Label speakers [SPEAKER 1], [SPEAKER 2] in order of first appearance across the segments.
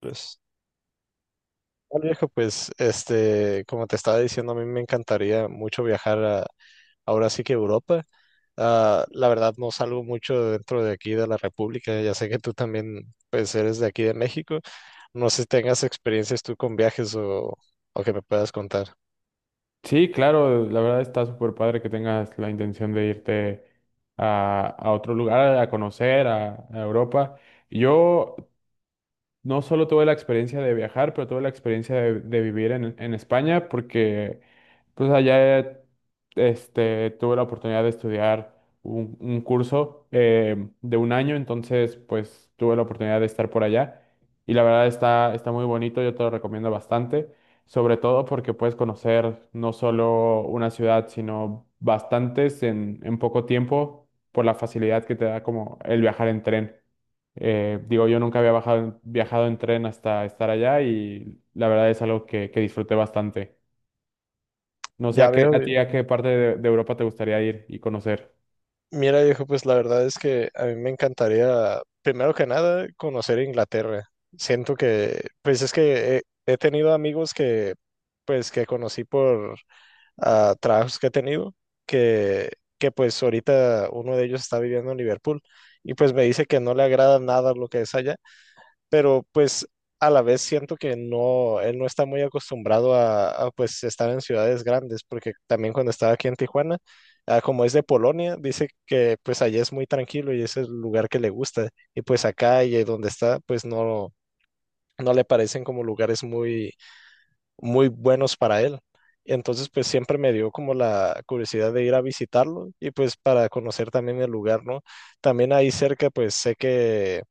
[SPEAKER 1] Pues, bueno, viejo, pues, como te estaba diciendo, a mí me encantaría mucho viajar ahora sí que Europa. La verdad, no salgo mucho dentro de aquí de la República. Ya sé que tú también, pues, eres de aquí de México. No sé si tengas experiencias tú con viajes o que me puedas contar.
[SPEAKER 2] Sí, claro, la verdad está súper padre que tengas la intención de irte a otro lugar, a conocer, a Europa. Yo no solo tuve la experiencia de viajar, pero tuve la experiencia de vivir en España porque pues allá tuve la oportunidad de estudiar un curso de un año, entonces pues tuve la oportunidad de estar por allá y la verdad está muy bonito, yo te lo recomiendo bastante, sobre todo porque puedes conocer no solo una ciudad, sino bastantes en poco tiempo por la facilidad que te da como el viajar en tren. Digo, yo nunca viajado en tren hasta estar allá y la verdad es algo que disfruté bastante. No sé
[SPEAKER 1] Ya veo.
[SPEAKER 2] a ti a qué parte de Europa te gustaría ir y conocer.
[SPEAKER 1] Mira, viejo, pues la verdad es que a mí me encantaría, primero que nada, conocer Inglaterra. Siento que, pues es que he tenido amigos que, pues, que conocí por a trabajos que he tenido, que, que, pues ahorita uno de ellos está viviendo en Liverpool y pues me dice que no le agrada nada lo que es allá, pero pues a la vez siento que no, él no está muy acostumbrado a, pues estar en ciudades grandes, porque también cuando estaba aquí en Tijuana, como es de Polonia, dice que pues allá es muy tranquilo y ese es el lugar que le gusta, y pues acá y donde está, pues no, no le parecen como lugares muy muy buenos para él. Y entonces pues siempre me dio como la curiosidad de ir a visitarlo y pues para conocer también el lugar, ¿no? También ahí cerca pues sé que,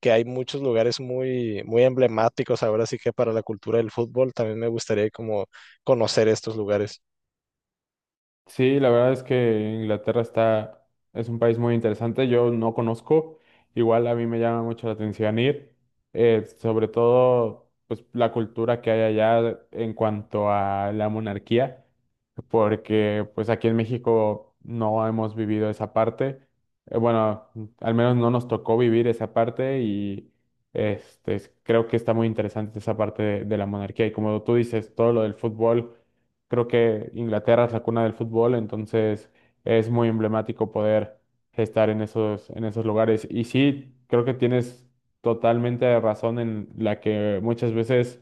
[SPEAKER 1] que hay muchos lugares muy, muy emblemáticos, ahora sí que para la cultura del fútbol también me gustaría como conocer estos lugares.
[SPEAKER 2] Sí, la verdad es que es un país muy interesante. Yo no conozco, igual a mí me llama mucho la atención Sobre todo pues la cultura que hay allá en cuanto a la monarquía, porque pues aquí en México no hemos vivido esa parte. Bueno, al menos no nos tocó vivir esa parte y creo que está muy interesante esa parte de la monarquía. Y como tú dices, todo lo del fútbol, creo que Inglaterra es la cuna del fútbol, entonces es muy emblemático poder estar en en esos lugares. Y sí, creo que tienes totalmente razón en la que muchas veces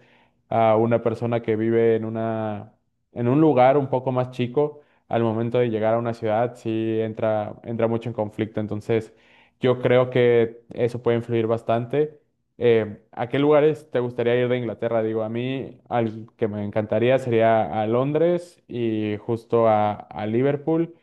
[SPEAKER 2] a una persona que vive en un lugar un poco más chico, al momento de llegar a una ciudad, sí entra mucho en conflicto. Entonces, yo creo que eso puede influir bastante. ¿A qué lugares te gustaría ir de Inglaterra? Digo, a mí, al que me encantaría sería a Londres y justo a Liverpool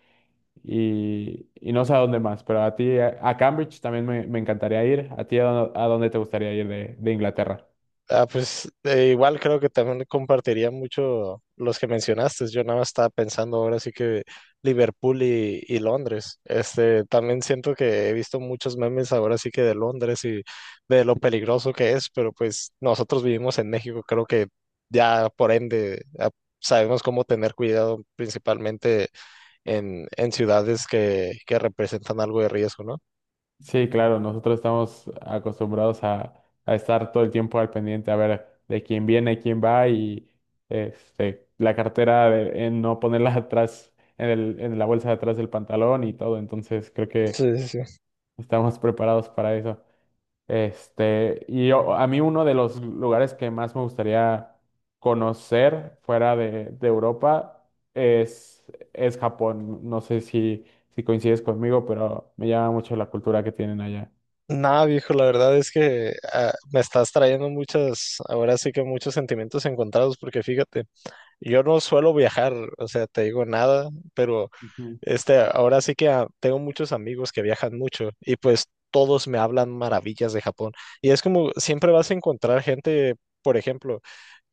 [SPEAKER 2] y no sé a dónde más, pero a ti, a Cambridge también me encantaría ir. ¿A ti a dónde te gustaría ir de Inglaterra?
[SPEAKER 1] Pues, igual creo que también compartiría mucho los que mencionaste. Yo nada más estaba pensando, ahora sí que, Liverpool y Londres. También siento que he visto muchos memes, ahora sí que de Londres y de lo peligroso que es, pero pues nosotros vivimos en México, creo que ya por ende sabemos cómo tener cuidado, principalmente en ciudades que, representan algo de riesgo, ¿no?
[SPEAKER 2] Sí, claro, nosotros estamos acostumbrados a estar todo el tiempo al pendiente, a ver de quién viene, quién va y la cartera, de- en no ponerla atrás, en la bolsa de atrás del pantalón y todo. Entonces creo que
[SPEAKER 1] Sí, sí, sí.
[SPEAKER 2] estamos preparados para eso. A mí uno de los lugares que más me gustaría conocer fuera de Europa es, es Japón. No sé si coincides conmigo, pero me llama mucho la cultura que tienen allá.
[SPEAKER 1] Nada, viejo, la verdad es que me estás trayendo muchas, ahora sí que muchos sentimientos encontrados, porque fíjate, yo no suelo viajar, o sea, te digo, nada, pero
[SPEAKER 2] Ujú.
[SPEAKER 1] ahora sí que tengo muchos amigos que viajan mucho y pues todos me hablan maravillas de Japón. Y es como siempre vas a encontrar gente, por ejemplo,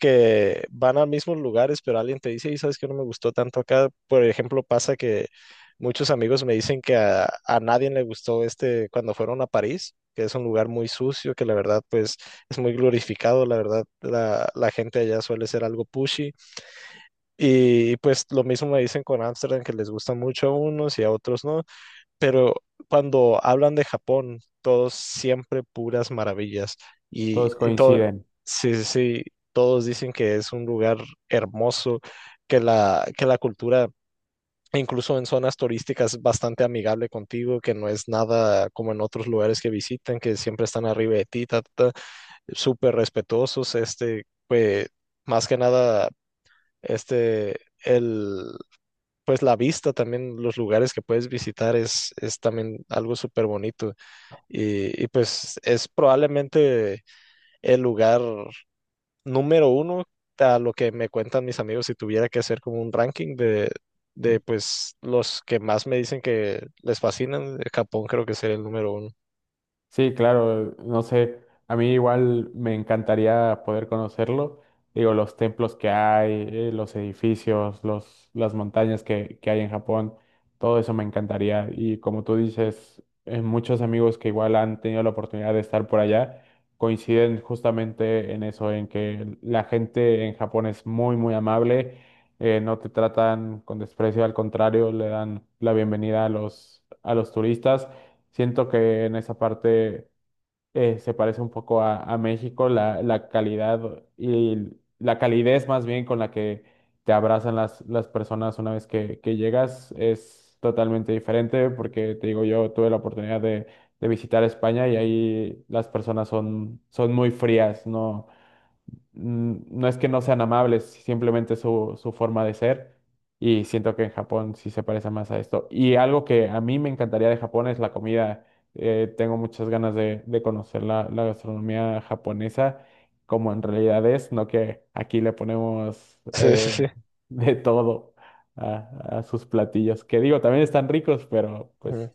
[SPEAKER 1] que van a mismos lugares, pero alguien te dice, ¿y sabes que no me gustó tanto acá. Por ejemplo, pasa que muchos amigos me dicen que a nadie le gustó este cuando fueron a París, que es un lugar muy sucio, que la verdad pues es muy glorificado, la verdad la gente allá suele ser algo pushy, y pues lo mismo me dicen con Ámsterdam, que les gusta mucho a unos y a otros no, pero cuando hablan de Japón, todos siempre puras maravillas. Y,
[SPEAKER 2] Todos
[SPEAKER 1] y todo,
[SPEAKER 2] coinciden.
[SPEAKER 1] sí, sí, sí, todos dicen que es un lugar hermoso, que la cultura, incluso en zonas turísticas, es bastante amigable contigo, que no es nada como en otros lugares que visitan, que siempre están arriba de ti, ta, ta, ta, súper respetuosos, pues, más que nada, el pues la vista también, los lugares que puedes visitar es también algo súper bonito. Y pues es probablemente el lugar número uno, a lo que me cuentan mis amigos, si tuviera que hacer como un ranking de pues los que más me dicen que les fascinan, Japón creo que sería el número uno.
[SPEAKER 2] Sí, claro, no sé, a mí igual me encantaría poder conocerlo. Digo, los templos que hay, los edificios, las montañas que hay en Japón, todo eso me encantaría. Y como tú dices, muchos amigos que igual han tenido la oportunidad de estar por allá coinciden justamente en eso, en que la gente en Japón es muy amable. No te tratan con desprecio, al contrario, le dan la bienvenida a a los turistas. Siento que en esa parte se parece un poco a México. La calidad y la calidez más bien con la que te abrazan las personas una vez que llegas es totalmente diferente, porque te digo, yo tuve la oportunidad de visitar España y ahí las personas son muy frías, ¿no? No es que no sean amables, simplemente su forma de ser. Y siento que en Japón sí se parece más a esto. Y algo que a mí me encantaría de Japón es la comida. Tengo muchas ganas de conocer la gastronomía japonesa, como en realidad es, no que aquí le ponemos
[SPEAKER 1] Sí, sí, sí.
[SPEAKER 2] de todo a sus platillos, que digo, también están ricos, pero
[SPEAKER 1] Ujú.
[SPEAKER 2] pues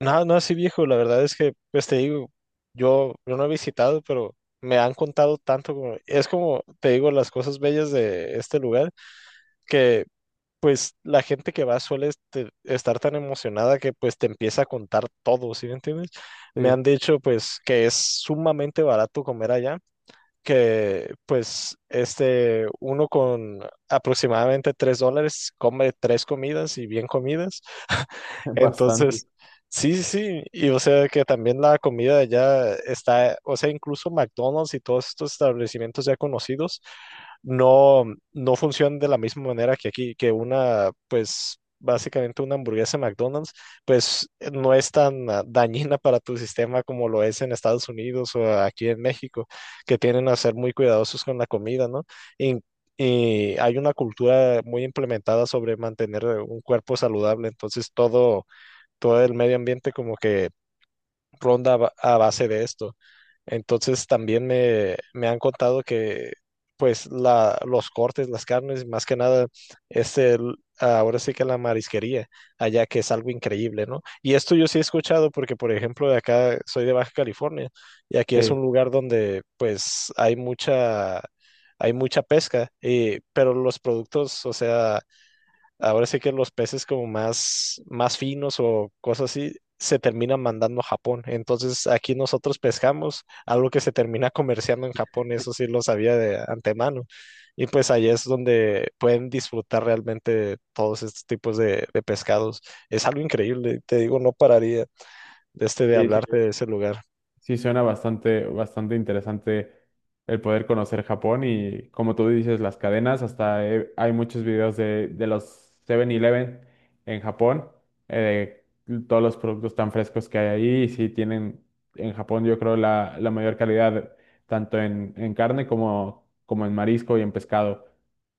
[SPEAKER 1] No, no, sí, viejo, la verdad es que, pues te digo, yo no he visitado, pero me han contado tanto como, es como, te digo, las cosas bellas de este lugar, que pues la gente que va suele estar tan emocionada que pues te empieza a contar todo, ¿sí me entiendes? Me
[SPEAKER 2] sí,
[SPEAKER 1] han dicho pues que es sumamente barato comer allá, que pues uno con aproximadamente 3 dólares come tres comidas y bien comidas.
[SPEAKER 2] bastante.
[SPEAKER 1] Entonces, sí, sí, y o sea que también la comida de allá está, o sea, incluso McDonald's y todos estos establecimientos ya conocidos no, no funcionan de la misma manera que aquí, que una, pues, básicamente una hamburguesa de McDonald's pues no es tan dañina para tu sistema como lo es en Estados Unidos o aquí en México, que tienen a ser muy cuidadosos con la comida, ¿no? In- y hay una cultura muy implementada sobre mantener un cuerpo saludable, entonces todo, todo el medio ambiente como que ronda a a base de esto. Entonces también me han contado que pues los cortes, las carnes, más que nada, es el, ahora sí que la marisquería allá, que es algo increíble, ¿no? Y esto yo sí he escuchado porque, por ejemplo, de acá soy de Baja California y aquí es
[SPEAKER 2] Sí,
[SPEAKER 1] un lugar donde pues hay mucha pesca, pero los productos, o sea, ahora sí que los peces como más, más finos o cosas así se terminan mandando a Japón. Entonces aquí nosotros pescamos algo que se termina comerciando en Japón, eso sí lo sabía de antemano. Y pues ahí es donde pueden disfrutar realmente todos estos tipos de, pescados. Es algo increíble, te digo, no pararía de
[SPEAKER 2] sí,
[SPEAKER 1] hablarte
[SPEAKER 2] sí.
[SPEAKER 1] de ese lugar.
[SPEAKER 2] Sí, suena bastante, bastante interesante el poder conocer Japón y como tú dices, las cadenas, hay muchos videos de los 7-Eleven en Japón, de todos los productos tan frescos que hay ahí y sí tienen en Japón yo creo la, la mayor calidad tanto en carne como en marisco y en pescado.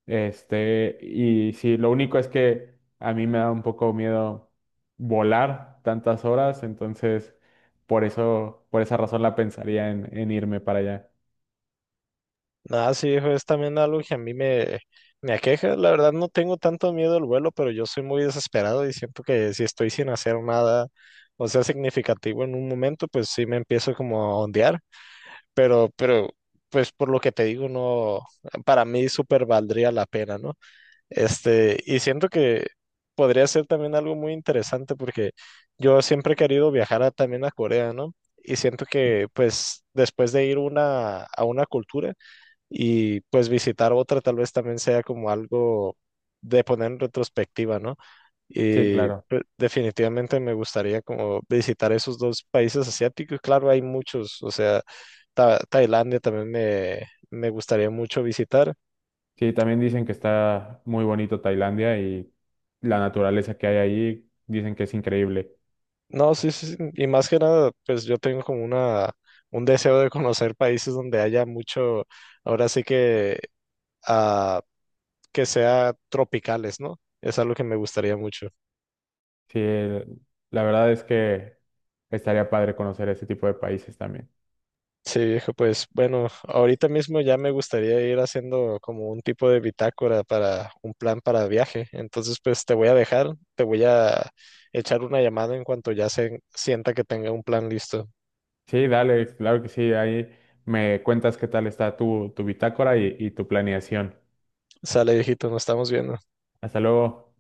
[SPEAKER 2] Y sí, lo único es que a mí me da un poco miedo volar tantas horas, entonces... Por eso, por esa razón la pensaría en irme para allá.
[SPEAKER 1] Nada, sí, hijo, es también algo que a mí me aqueja. La verdad, no tengo tanto miedo al vuelo, pero yo soy muy desesperado y siento que si estoy sin hacer nada, o sea, significativo en un momento, pues sí me empiezo como a ondear. Pero, pues por lo que te digo, no, para mí súper valdría la pena, ¿no? Y siento que podría ser también algo muy interesante porque yo siempre he querido viajar también a Corea, ¿no? Y siento que, pues, después de ir a una cultura, y pues visitar otra, tal vez también sea como algo de poner en retrospectiva, ¿no?
[SPEAKER 2] Sí,
[SPEAKER 1] Y
[SPEAKER 2] claro.
[SPEAKER 1] pues, definitivamente me gustaría como visitar esos dos países asiáticos. Claro, hay muchos, o sea, Tailandia también me gustaría mucho visitar.
[SPEAKER 2] Sí, también dicen que está muy bonito Tailandia y la naturaleza que hay allí dicen que es increíble.
[SPEAKER 1] No, sí, sí, sí, y más que nada, pues yo tengo como un deseo de conocer países donde haya mucho, ahora sí que, ah, que sea tropicales, ¿no? Es algo que me gustaría mucho.
[SPEAKER 2] Sí, el- la verdad es que estaría padre conocer ese tipo de países también.
[SPEAKER 1] Sí, viejo, pues bueno, ahorita mismo ya me gustaría ir haciendo como un tipo de bitácora para un plan para viaje. Entonces, pues te voy a dejar, te voy a echar una llamada en cuanto ya se sienta que tenga un plan listo.
[SPEAKER 2] Sí, dale, claro que sí. Ahí me cuentas qué tal está tu bitácora y tu planeación.
[SPEAKER 1] Sale, viejito, nos estamos viendo.
[SPEAKER 2] Hasta luego.